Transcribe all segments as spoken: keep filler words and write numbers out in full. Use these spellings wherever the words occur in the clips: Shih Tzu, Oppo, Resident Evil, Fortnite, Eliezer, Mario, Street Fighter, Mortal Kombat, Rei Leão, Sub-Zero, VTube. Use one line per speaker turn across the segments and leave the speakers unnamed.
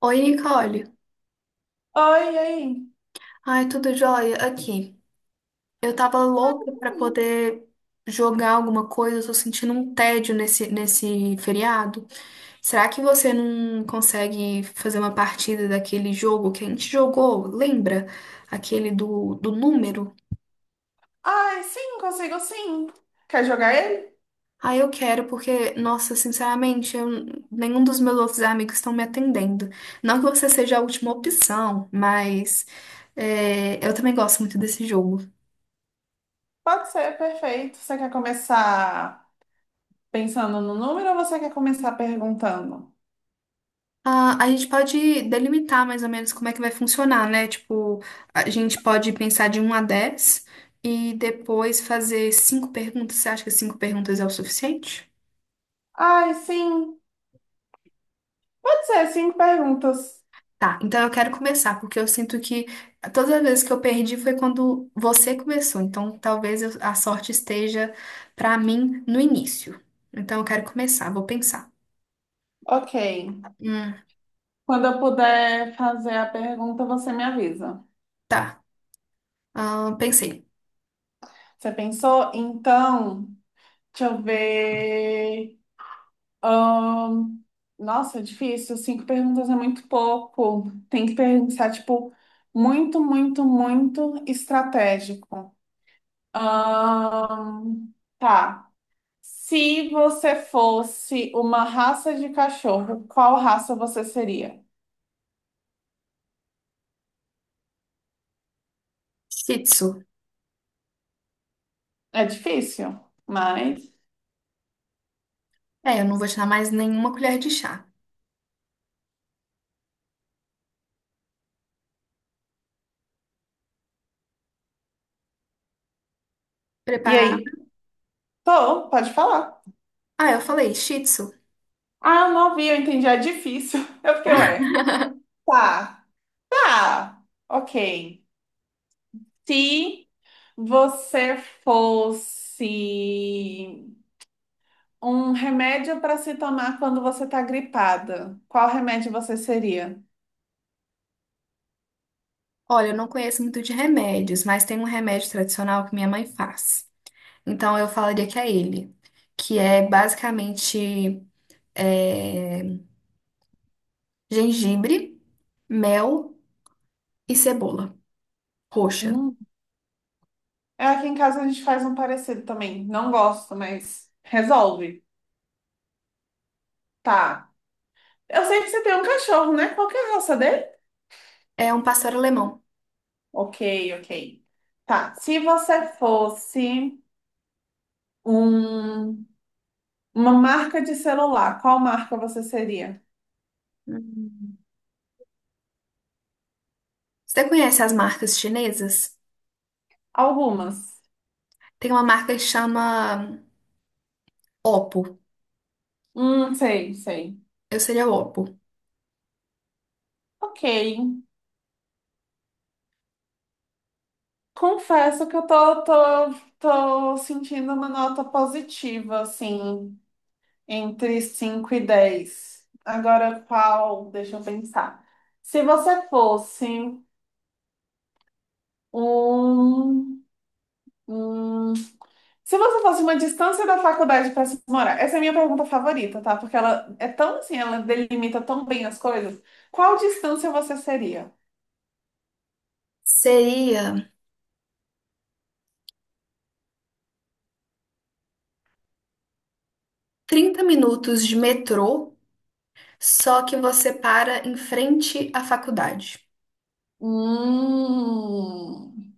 Oi, Nicole.
Oi, e aí?
Ai, tudo jóia? Aqui. Eu tava louca pra poder jogar alguma coisa, eu tô sentindo um tédio nesse, nesse feriado. Será que você não consegue fazer uma partida daquele jogo que a gente jogou? Lembra? Aquele do, do número?
Ai, sim, consigo sim. Quer jogar ele?
Ah, eu quero, porque, nossa, sinceramente, eu- nenhum dos meus outros amigos estão me atendendo. Não que você seja a última opção, mas é, eu também gosto muito desse jogo.
Pode ser, perfeito. Você quer começar pensando no número ou você quer começar perguntando?
Ah, a gente pode delimitar mais ou menos como é que vai funcionar, né? Tipo, a gente pode pensar de um a dez e depois fazer cinco perguntas. Você acha que cinco perguntas é o suficiente?
Ai, sim. Pode ser, cinco perguntas.
Tá, então eu quero começar, porque eu sinto que todas as vezes que eu perdi foi quando você começou. Então, talvez eu- a sorte esteja pra mim no início. Então, eu quero começar, vou pensar.
Ok.
Hum,
Quando eu puder fazer a pergunta, você me avisa.
tá. Ah, pensei.
Você pensou? Então, deixa eu ver. Ahn, Nossa, é difícil. Cinco perguntas é muito pouco. Tem que pensar, tipo, muito, muito, muito estratégico. Ahn, tá. Se você fosse uma raça de cachorro, qual raça você seria?
Shih Tzu.
É difícil, mas.
É, eu não vou te dar mais nenhuma colher de chá.
E
Preparar.
aí? Tô, pode falar.
Ah, eu falei Shih Tzu.
Ah, não ouvi, eu entendi. É difícil. Eu fiquei, ué. Tá, tá. Ok. Se você fosse um remédio para se tomar quando você está gripada, qual remédio você seria?
Olha, eu não conheço muito de remédios, mas tem um remédio tradicional que minha mãe faz. Então eu falaria que é ele, que é basicamente é, gengibre, mel e cebola roxa.
Hum. É, aqui em casa a gente faz um parecido também. Não gosto, mas resolve. Tá. Eu sei que você tem um cachorro, né? Qual que é a raça dele?
É um pastel alemão.
Ok, ok. Tá. Se você fosse um- uma marca de celular, qual marca você seria?
Hum. Você conhece as marcas chinesas?
Algumas.
Tem uma marca que chama Oppo.
Hum, sei, sei.
Eu seria o Oppo.
Ok. Confesso que eu tô, tô, tô sentindo uma nota positiva, assim, entre cinco e dez. Agora, qual? Deixa eu pensar. Se você fosse um, um- Se você fosse uma distância da faculdade para se morar, essa é a minha pergunta favorita, tá? Porque ela é tão assim, ela delimita tão bem as coisas. Qual distância você seria?
Seria trinta minutos de metrô, só que você para em frente à faculdade.
Hum,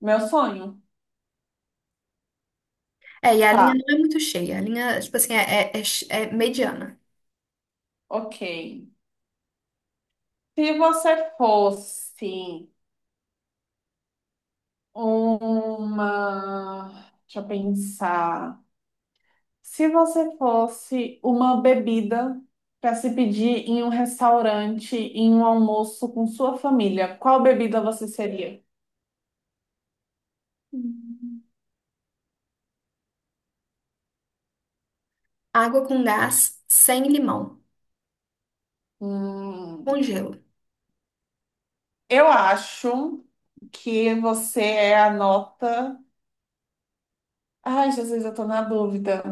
meu sonho?
É, e a linha
Tá,
não é muito cheia. A linha, tipo assim, é, é, é ch- é mediana.
ok. Se você fosse uma. Deixa eu pensar. Se você fosse uma bebida para se pedir em um restaurante, em um almoço com sua família, qual bebida você seria?
Hum. Água com gás, sem limão, com
Hum,
gelo.
eu acho que você é a nota. Ai, Jesus, eu tô na dúvida.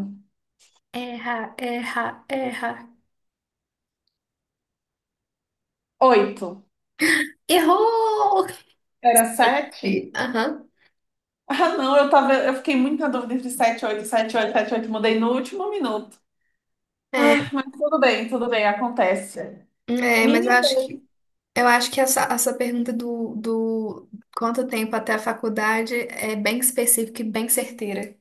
Erra, erra, erra.
Oito.
Errou!
Era sete?
E- Aham.
Ah, não, eu tava, eu fiquei muito na dúvida entre sete, e oito, sete, oito, sete, oito. Mudei no último minuto. Ah,
É,
mas tudo bem, tudo bem, acontece.
é, mas eu
Minha
acho que eu acho que essa, essa pergunta do, do quanto tempo até a faculdade é bem específica e bem certeira.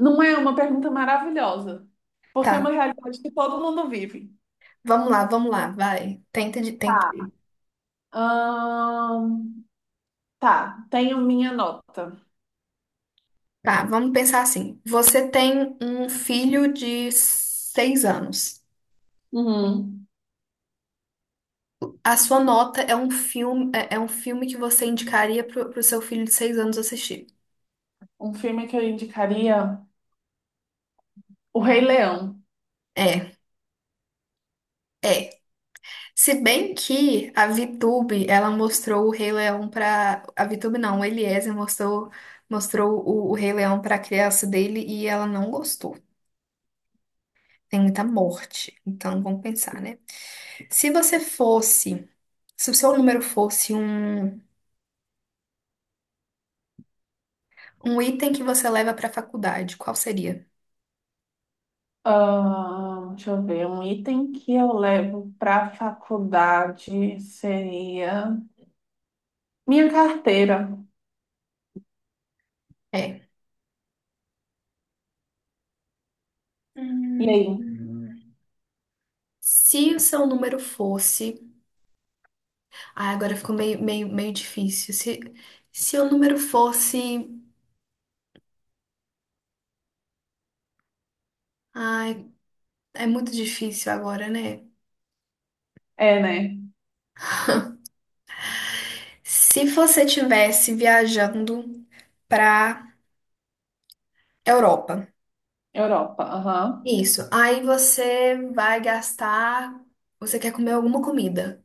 não é uma pergunta maravilhosa,
Tá,
porque é uma realidade que todo mundo vive.
vamos lá, vamos lá, vai. Tenta de, tenta.
Tá.
de-
Ahn, tá, tenho minha nota.
Tá, vamos pensar assim. Você tem um filho de seis anos.
Uhum.
A Sua Nota é um filme, é é um filme que você indicaria pro, pro seu filho de seis anos assistir.
Um filme que eu indicaria, O Rei Leão.
É, é. Se bem que a VTube, ela mostrou o Rei Leão pra. A VTube não, o Eliezer mostrou, mostrou o, o Rei Leão pra criança dele e ela não gostou. Tem muita morte. Então vamos pensar, né? Se você fosse. Se o seu número fosse um, um item que você leva pra faculdade, qual seria?
Ahn, deixa eu ver, um item que eu levo para faculdade seria minha carteira.
É.
E
Hum.
aí?
Se o seu número fosse Ah, agora ficou meio, meio, meio difícil. Se, se o número fosse. Ai, é muito difícil agora, né?
É, né?
Se você tivesse viajando pra Europa,
Europa, aham.
isso. Aí você vai gastar. Você quer comer alguma comida.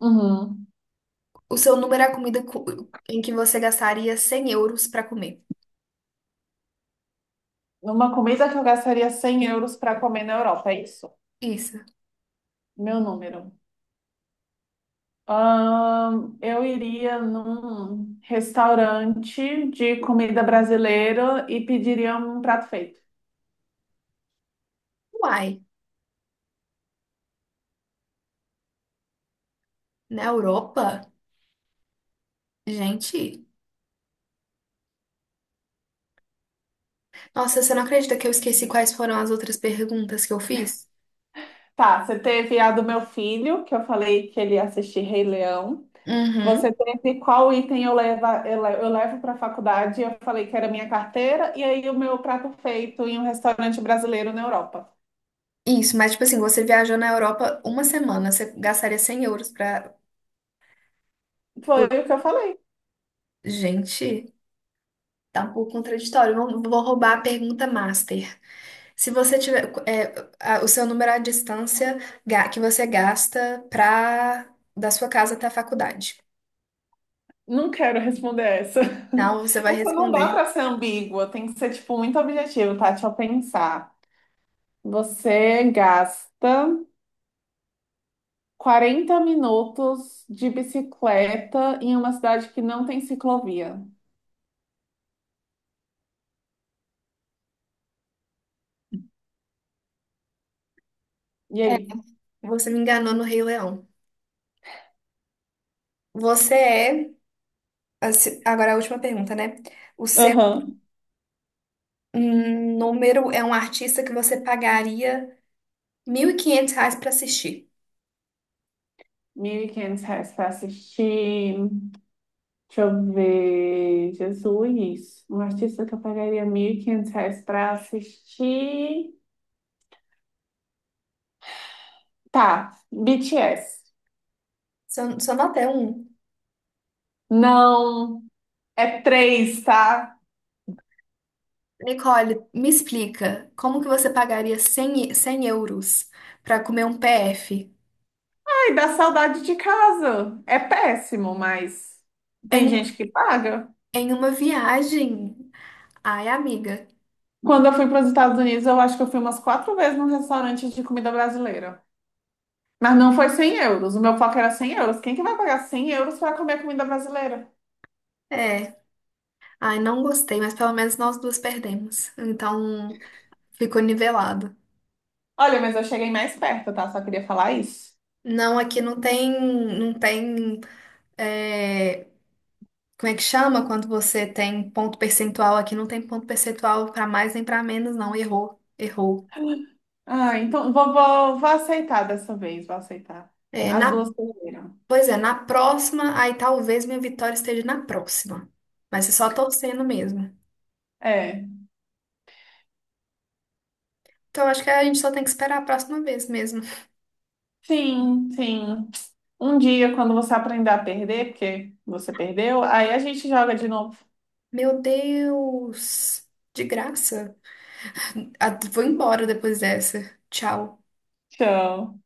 Uhum.
O seu número é a comida cu- em que você gastaria cem euros pra comer.
Uma comida que eu gastaria cem euros para comer na Europa, é isso?
Isso.
Meu número. Ahn, eu iria num restaurante de comida brasileira e pediria um prato feito.
Uai, na Europa? Gente. Nossa, você não acredita que eu esqueci quais foram as outras perguntas que eu fiz?
Tá, você teve a do meu filho, que eu falei que ele ia assistir Rei Leão. Você
Uhum.
teve qual item eu levo, eu le- eu levo para a faculdade? Eu falei que era minha carteira e aí o meu prato feito em um restaurante brasileiro na Europa.
Isso, mas tipo assim, você viajou na Europa uma semana, você gastaria cem euros pra.
Foi o que eu falei.
Gente, tá um pouco contraditório. Vou, vou roubar a pergunta master. Se você tiver. é, a- o seu número é a distância ga- que você gasta pra, da sua casa até a faculdade.
Não quero responder essa.
Não, você vai
Essa não dá
responder.
para ser ambígua, tem que ser tipo muito objetivo, tá? Deixa eu pensar. Você gasta quarenta minutos de bicicleta em uma cidade que não tem ciclovia. E
É,
aí?
você me enganou no Rei Leão. Você é. Assim, agora a última pergunta, né? O seu
Aham.
hum, número é um artista que você pagaria mil e quinhentos reais pra assistir.
Mil e quinhentos reais pra assistir. Deixa eu ver. Jesus. Um artista que eu pagaria mil e quinhentos reais pra assistir. Tá. B T S.
Só, só nota é um.
Não. É três, tá?
Nicole, me explica, como que você pagaria cem e- cem euros para comer um P F
Ai, dá saudade de casa. É péssimo, mas tem gente
em,
que paga.
em uma viagem? Ai, amiga,
Quando eu fui para os Estados Unidos, eu acho que eu fui umas quatro vezes num restaurante de comida brasileira. Mas não foi cem euros. O meu foco era cem euros. Quem que vai pagar cem euros para comer comida brasileira?
é. Ai, não gostei, mas pelo menos nós duas perdemos. Então, ficou nivelado.
Olha, mas eu cheguei mais perto, tá? Só queria falar isso.
Não, aqui não tem, não tem, é, como é que chama quando você tem ponto percentual? Aqui não tem ponto percentual para mais nem para menos, não. Errou, errou.
Ah, então vou, vou, vou aceitar dessa vez, vou aceitar.
É,
As
na
duas perderam.
Pois é, na próxima, aí talvez minha vitória esteja na próxima. Mas é só torcendo mesmo.
É,
Então acho que a gente só tem que esperar a próxima vez mesmo.
sim, sim. Um dia, quando você aprender a perder, porque você perdeu, aí a gente joga de novo.
Meu Deus! De graça. Ah, vou embora depois dessa. Tchau.
Tchau.